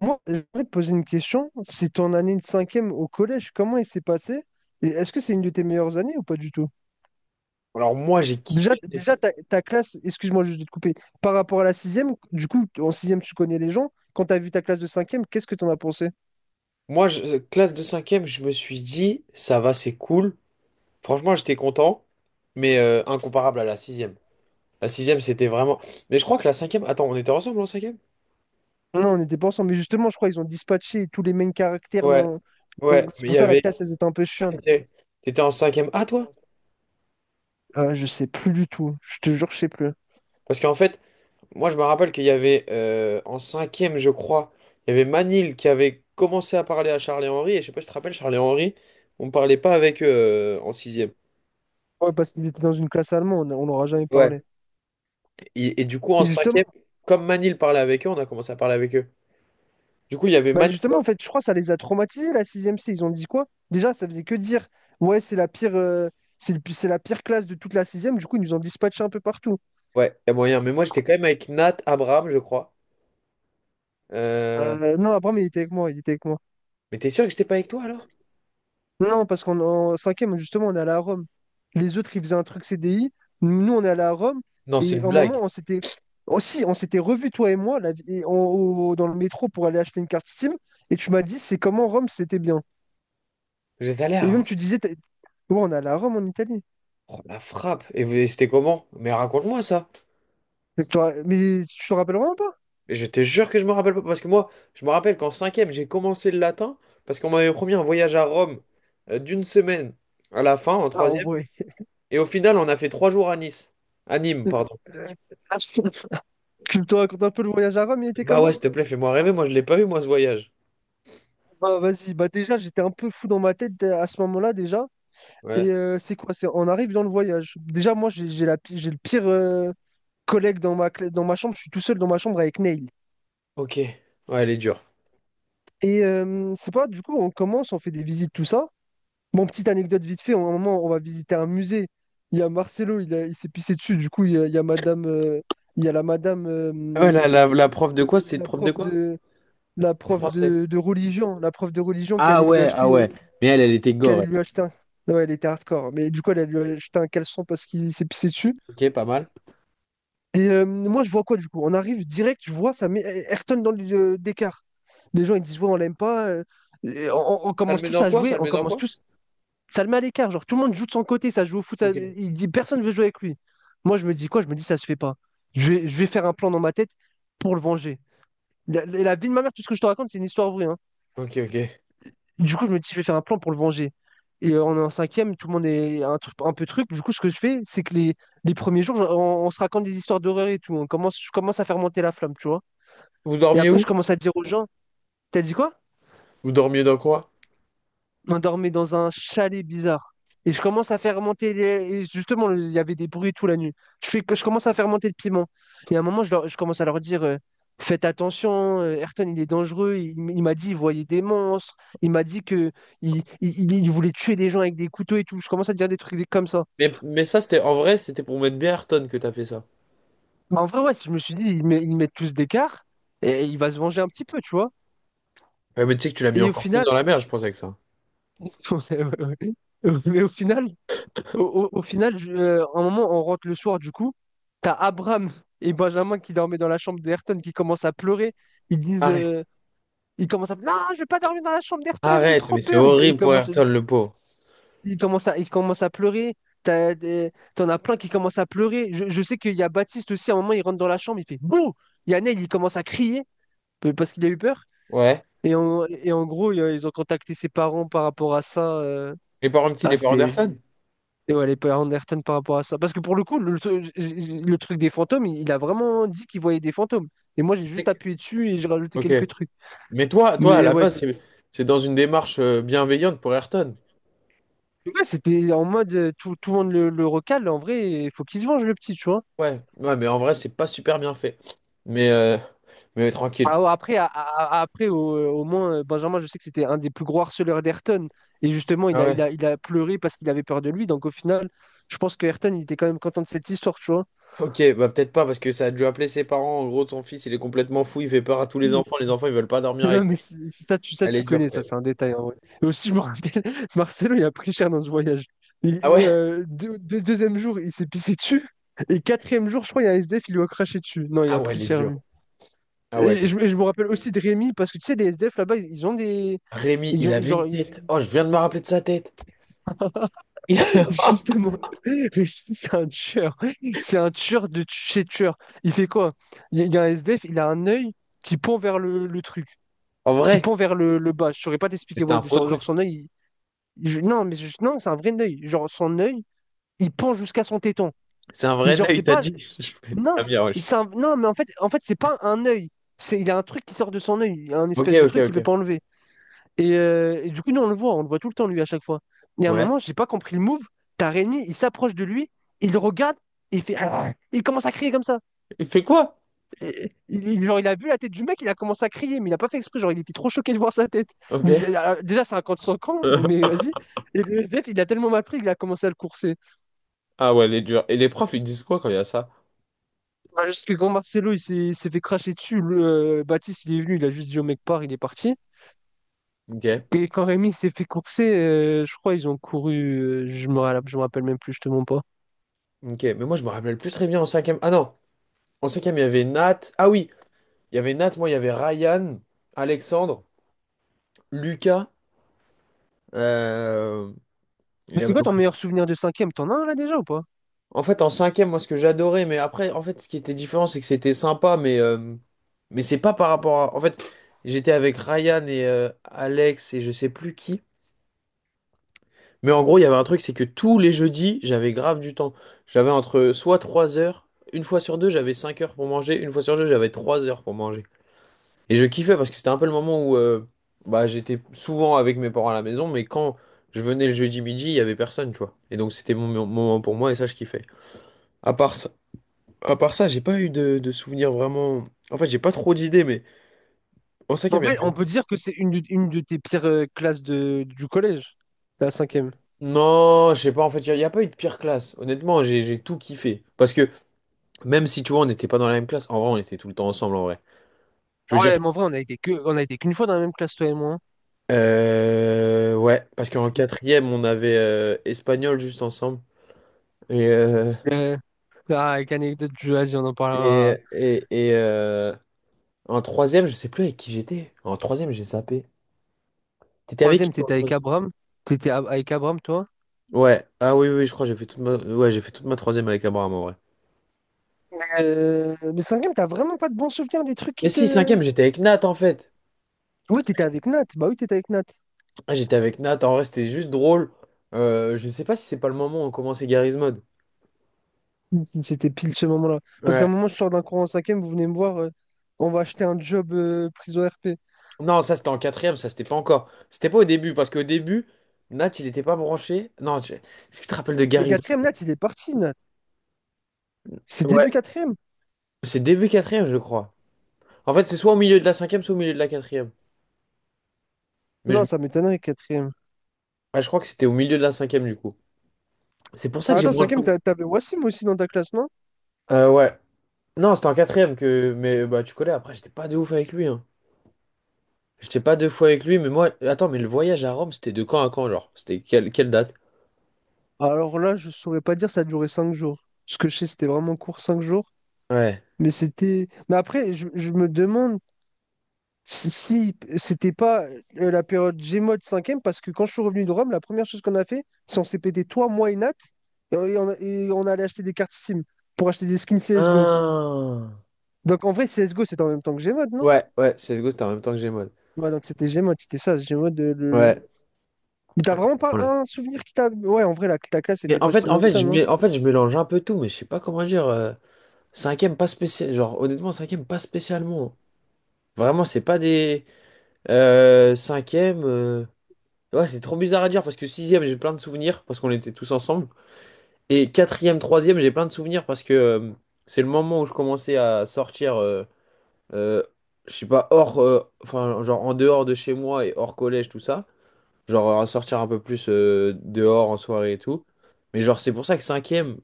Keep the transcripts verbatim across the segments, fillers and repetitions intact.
Moi, j'aimerais te poser une question. C'est ton année de cinquième au collège, comment il s'est passé? Et est-ce que c'est une de tes meilleures années ou pas du tout? Alors moi, j'ai Déjà, kiffé. déjà ta, ta classe, excuse-moi juste de te couper, par rapport à la sixième, du coup, en sixième, tu connais les gens. Quand tu as vu ta classe de cinquième, qu'est-ce que tu en as pensé? Moi, je- euh, classe de cinquième, je me suis dit, ça va, c'est cool. Franchement, j'étais content, mais euh, incomparable à la sixième. La sixième, c'était vraiment... Mais je crois que la cinquième... Attends, on était ensemble en cinquième? Non, on n'était pas ensemble, mais justement, je crois qu'ils ont dispatché tous les mêmes caractères. Ouais, dans- ouais, dans- C'est mais il pour y ça la avait... classe, elle était un peu chiante. T'étais t'étais en cinquième A, toi? Euh, je sais plus du tout. Je te jure, je sais plus. Parce qu'en fait, moi, je me rappelle qu'il y avait, euh, en cinquième, je crois, il y avait Manil qui avait commencé à parler à Charles et Henri, et je sais pas si tu te rappelles, Charles et Henri, on parlait pas avec eux euh, en sixième. Ouais, parce qu'il était dans une classe allemande, on n'aura jamais parlé. Et, et du coup, en Et justement, cinquième, comme Manil parlait avec eux, on a commencé à parler avec eux. Du coup, il y avait bah Manil. justement, en fait, je crois que ça les a traumatisés, la sixième C. Ils ont dit quoi? Déjà, ça faisait que dire, ouais, c'est la pire, euh, c'est le- pi- c'est la pire classe de toute la sixième. Du coup, ils nous ont dispatché un peu partout. Ouais, il y a moyen. Mais moi, j'étais quand même avec Nat, Abraham, je crois. Euh, Euh, non, Abraham, il était avec moi, il était avec moi. Mais t'es sûr que j'étais pas avec toi alors? Non, parce qu'en en cinquième justement, on est allé à Rome. Les autres, ils faisaient un truc C D I. Nous, on est allé à Rome. Non, c'est Et une en moment, blague. on s'était... Aussi, on s'était revus, toi et moi, la- et en- au- dans le métro pour aller acheter une carte Steam. Et tu m'as dit, c'est comment Rome, c'était bien. J'étais allé Et même, à tu disais, t'as- ouais, on est allé à Rome en Italie. oh, la frappe. Et vous- c'était comment? Mais raconte-moi ça. Mais tu te ra- mais tu te rappelles vraiment? Et je te jure que je me rappelle pas. Parce que moi, je me rappelle qu'en cinquième, j'ai commencé le latin. Parce qu'on m'avait promis un voyage à Rome euh, d'une semaine à la fin, en Ah troisième. ouais. Et au final, on a fait trois jours à Nice. À Nîmes, pardon. Tu me te racontes un peu le voyage à Rome, il était Bah ouais, comment? s'il te plaît, fais-moi rêver. Moi, je l'ai pas vu, moi, ce voyage. Bah vas-y, bah déjà j'étais un peu fou dans ma tête à ce moment-là déjà. Et Ouais. euh, c'est quoi? C'est on arrive dans le voyage. Déjà moi j'ai j'ai la pi- j'ai le pire euh, collègue dans ma cla- dans ma chambre. Je suis tout seul dans ma chambre avec Neil. Ok. Ouais, elle est dure. Et euh, c'est pas du coup on commence, on fait des visites tout ça. Bon, petite anecdote vite fait. À un moment on va visiter un musée. Il y a Marcelo, il, a- il s'est pissé dessus. Du coup il y a, il y a Madame, euh, il y a la Madame, Ah, ouais, euh, la, la, la prof de quoi? C'était une la prof de prof quoi? de la De prof français. de, de religion, la prof de religion qui Ah allait lui ouais, ah acheter, ouais. Mais elle, elle était qui gore. allait Elle lui aussi. acheter un... Ouais, elle était hardcore, mais du coup, elle allait lui acheter un caleçon parce qu'il s'est pissé dessus. Ok, pas mal. Et euh, moi, je vois quoi du coup? On arrive direct, je vois, ça met Ayrton dans le d'écart. Les gens, ils disent, ouais, on l'aime pas. euh, et on, on Ça le commence met tous dans à quoi? jouer, Ça le on met dans commence quoi? tous. Ça le met à l'écart, genre tout le monde joue de son côté, ça joue au foot, ça- Ok. il dit personne veut jouer avec lui. Moi, je me dis quoi? Je me dis, ça se fait pas. Je vais, je vais faire un plan dans ma tête pour le venger. La, la- la vie de ma mère, tout ce que je te raconte, c'est une histoire vraie, hein. Ok, ok. Du coup, je me dis, je vais faire un plan pour le venger. Et euh, on est en cinquième, tout le monde est un, tru- un peu truc. Du coup, ce que je fais, c'est que les, les premiers jours, on, on se raconte des histoires d'horreur et tout. On commence, je commence à faire monter la flamme, tu vois. Vous Et dormiez après, où? je commence à dire aux gens, t'as dit quoi? Vous dormiez dans quoi? On dormait dans un chalet bizarre. Et je commence à faire monter les... Et justement, il y avait des bruits toute la nuit. Je, fais... je commence à faire monter le piment. Et à un moment, je, leur- je commence à leur dire, euh, faites attention, euh, Ayrton, il est dangereux. Il, m- il m'a dit, il voyait des monstres. Il m'a dit que il... il- il voulait tuer des gens avec des couteaux et tout. Je commence à dire des trucs comme ça. Mais, mais ça, c'était en vrai, c'était pour mettre bien Ayrton que t'as fait ça. Mais en vrai, ouais, je me suis dit, ils, met- ils mettent tous d'écart et il va se venger un petit peu, tu vois. Ouais, mais tu sais que tu l'as mis Et au encore plus final, dans la merde, je pense, avec ça. ouais, ouais, ouais, mais au final, Au, au- au final, je- euh, à un moment, on rentre le soir, du coup, t'as Abraham et Benjamin qui dormaient dans la chambre d'Ayrton qui commencent à pleurer. Ils disent, Arrête. euh, ils commencent à, non, je vais pas dormir dans la chambre d'Ayrton, j'ai Arrête, trop mais c'est peur. Ils, ils horrible pour commencent, Ayrton, le pauvre. ils commencent à, ils commencent à pleurer. T'as des- T'en as plein qui commencent à pleurer. Je, je sais qu'il y a Baptiste aussi, à un moment, il rentre dans la chambre, il fait bouh! Il y a Neil, il commence à crier euh, parce qu'il a eu peur. Ouais. Et en, et en gros, il y a- ils ont contacté ses parents par rapport à ça, euh. Les parents de qui? Ah, Les parents c'était, d'Ayrton? Et ouais, les Pamela Anderson par rapport à ça. Parce que pour le coup, le, tru- le truc des fantômes, il, il a vraiment dit qu'il voyait des fantômes. Et moi, j'ai juste appuyé dessus et j'ai rajouté Ok. quelques trucs. Mais toi, toi, à Mais la ouais, base, t'es- c'est c'est dans une démarche euh, bienveillante pour Ayrton. ouais, c'était en mode euh, tout, tout le monde le, le recale. En vrai, il faut qu'il se venge, le petit, tu vois. Ouais, ouais, mais en vrai, c'est pas super bien fait. Mais, euh, mais tranquille. Ah ouais, après, à- à- à- après au, euh, au moins, euh, Benjamin, je sais que c'était un des plus gros harceleurs d'Ayrton. Et justement, il Ah a, il ouais. a, il a pleuré parce qu'il avait peur de lui. Donc au final, je pense que Ayrton, il était quand même content de cette histoire, tu vois. Ok, bah peut-être pas, parce que ça a dû appeler ses parents. En gros, ton fils, il est complètement fou, il fait peur à tous les enfants. Les enfants, ils veulent pas dormir avec Non, mais lui. c'est- c'est- ça, tu, ça, Elle est tu dure connais, quand ça, même. c'est un détail en vrai. Et aussi, je me rappelle, Marcelo, il a pris cher dans ce voyage. Il- Ah ouais? euh, deux- deux- deuxième jour, il s'est pissé dessus. Et quatrième jour, je crois, il y a un S D F, il lui a craché dessus. Non, il a Ah ouais, pris elle est cher, lui. dure. Ah ouais. Et, et je, et je me rappelle aussi de Rémi, parce que tu sais, les S D F là-bas, ils ils ont des. Rémi, Ils il ont- avait genre, une ils- tête. Oh, je viens de me rappeler de sa tête. Il- justement, Rémi, c'est un tueur. C'est un tueur de tu- chez tueur. Il fait quoi? Il y a il y a un S D F, il a un œil qui pend vers le, le truc, En qui vrai, pend vers le, le bas. Je saurais pas Mais t'expliquer, c'était ouais, un faux genre, genre, truc. son œil... Je- non, mais je- non, c'est un vrai œil. Genre, son œil, il pend jusqu'à son téton. C'est un Mais vrai nain, genre, il c'est t'a pas. dit. Je fais, Non, ah bien, wesh. c'est un- non, mais en fait, en fait, c'est pas un œil. C'est, il y a un truc qui sort de son œil, il y a un Ok, espèce de ok, truc qu'il ok. peut pas enlever. Et, euh, et du coup, nous, on le voit, on le voit tout le temps, lui, à chaque fois. Et à un Ouais. moment, j'ai pas compris le move. T'as Rémi, il s'approche de lui, il le regarde, et il fait. Il commence à crier comme ça. Il fait quoi? Et- il, genre, il a vu la tête du mec, il a commencé à crier, mais il a pas fait exprès. Genre, il était trop choqué de voir sa tête. Ok. Déjà, déjà, c'est un camp de son camp, mais vas-y. Et le S D F, il a tellement mal pris qu'il a commencé à le courser. Ah ouais, elle est dure. Et les profs, ils disent quoi quand il y a ça? Bah, juste que quand Marcelo il s'est il s'est fait cracher dessus, le, euh, Baptiste il est venu, il a juste dit au mec pars, il est parti. Ok. Et quand Rémi il s'est fait courser, euh, je crois ils ont couru, euh, je me, ra- je me rappelle même plus, je te mens pas. Ok, mais moi, je me rappelle plus très bien en cinquième. Ah non. En cinquième, il y avait Nat. Ah oui, il y avait Nat, moi, il y avait Ryan, Alexandre, Lucas. euh, il Mais y c'est avait- quoi ton ouais. meilleur souvenir de cinquième? T'en as un là déjà ou pas? En fait, en cinquième, moi, ce que j'adorais, mais après, en fait, ce qui était différent, c'est que c'était sympa, mais, euh, mais c'est pas par rapport à... En fait, j'étais avec Ryan et euh, Alex et je sais plus qui. Mais en gros, il y avait un truc, c'est que tous les jeudis, j'avais grave du temps. J'avais entre soit trois heures, une fois sur deux, j'avais cinq heures pour manger, une fois sur deux, j'avais trois heures pour manger. Et je kiffais parce que c'était un peu le moment où euh, bah, j'étais souvent avec mes parents à la maison, mais quand je venais le jeudi midi, il y avait personne, tu vois. Et donc c'était mon mon moment pour moi et ça, je kiffais. À part ça, à part ça, j'ai pas eu de, de souvenirs vraiment. En fait, j'ai pas trop d'idées, mais en En cinquième, il y vrai, on avait- peut dire que c'est une, de- une de tes pires euh, classes de, du collège, la cinquième. Non, je sais pas, en fait, il y, a y a pas eu de pire classe. Honnêtement, j'ai j'ai tout kiffé. Parce que même si, tu vois, on n'était pas dans la même classe, en vrai, on était tout le temps ensemble, en vrai. Je Ah veux dire, ouais, mais en vrai, on a été que, on a été qu'une fois dans la même classe, toi et moi, hein. euh, ouais, parce qu'en quatrième, on avait euh, espagnol juste ensemble. Et euh, Euh, ah, avec l'anecdote du vas on en Et, parlera. et, et euh, En troisième, je sais plus avec qui j'étais. En troisième, j'ai zappé. T'étais avec qui Troisième, toi, en t'étais avec troisième? Abram? T'étais a- avec Abram, toi. Ouais. Ah oui, oui, je crois que j'ai fait toute ma... Ouais, j'ai fait toute ma troisième avec Abraham en vrai. Euh, mais cinquième, t'as vraiment pas de bons souvenirs des trucs Mais qui si, te... cinquième, j'étais avec Nat en fait. Oui, t'étais avec Nat. Bah oui, t'étais avec Nat. Ah, j'étais avec Nat, en vrai, c'était juste drôle. Euh, je sais pas si c'est pas le moment où on commençait Garry's Mod. C'était pile ce moment-là. Parce qu'à un Ouais. moment, je sors d'un cours en cinquième, vous venez me voir, euh, on va acheter un job euh, prison R P. Non, ça c'était en quatrième, ça c'était pas encore. C'était pas au début, parce qu'au début, Nat, il était pas branché. Non, tu- est-ce que tu te rappelles de Mais Garry's quatrième, Nat, il est parti, Nat. C'est Mod? Ouais. début quatrième. C'est début quatrième, je crois. En fait, c'est soit au milieu de la cinquième, soit au milieu de la quatrième. Mais Non, je ça m'étonnerait, quatrième. Ouais, je crois que c'était au milieu de la cinquième du coup. C'est pour ça Ah, que j'ai attends, moins de cinquième, souvenirs. t'a- t'avais Wassim aussi dans ta classe, non? Euh, ouais. Non, c'était en quatrième que. Mais bah tu connais, après j'étais pas de ouf avec lui. Hein. J'étais pas deux fois avec lui, mais moi. Attends, mais le voyage à Rome, c'était de quand à quand, genre? C'était quelle, quelle date? Alors là, je saurais pas dire, ça a duré cinq jours. Ce que je sais, c'était vraiment court, cinq jours. Ouais. Mais c'était. Mais après, je, je me demande. Si, si, c'était pas euh, la période Gmod cinquième, parce que quand je suis revenu de Rome, la première chose qu'on a fait, c'est on s'est pété toi, moi et Nat, et on, et on et on allait acheter des cartes Steam pour acheter des skins C S G O. Ah. Donc en vrai, C S G O, c'était en même temps que Gmod, non? Ouais, ouais, C S G O, c'était en même temps que Gmod. Ouais, donc c'était Gmod, c'était ça, Gmod. euh, Le, le- Ouais. Mais t'as vraiment pas Voilà. un souvenir qui t'a... Ouais, en vrai, la, la classe Mais était en pas fait, si en bien que fait, ça, je non? mets, en fait, je mélange un peu tout, mais je sais pas comment dire. Euh, cinquième, pas spécial. Genre, honnêtement, cinquième, pas spécialement. Vraiment, c'est pas des. Euh, cinquième. euh, Ouais, c'est trop bizarre à dire parce que sixième, j'ai plein de souvenirs parce qu'on était tous ensemble. Et quatrième, troisième, j'ai plein de souvenirs parce que euh, c'est le moment où je commençais à sortir, euh, euh, je sais pas, hors, euh, enfin, genre en dehors de chez moi et hors collège, tout ça. Genre à sortir un peu plus euh, dehors en soirée et tout. Mais genre, c'est pour ça que cinquième,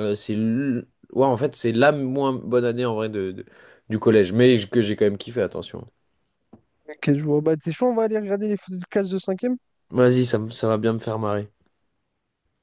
euh, c'est. l- Ouais, en fait, c'est la moins bonne année en vrai de, de- du collège. Mais que j'ai quand même kiffé, attention. Ok, je vois. Bah, t'es chaud, on va aller regarder les photos de classe de cinquième? Vas-y, ça, me- ça va bien me faire marrer.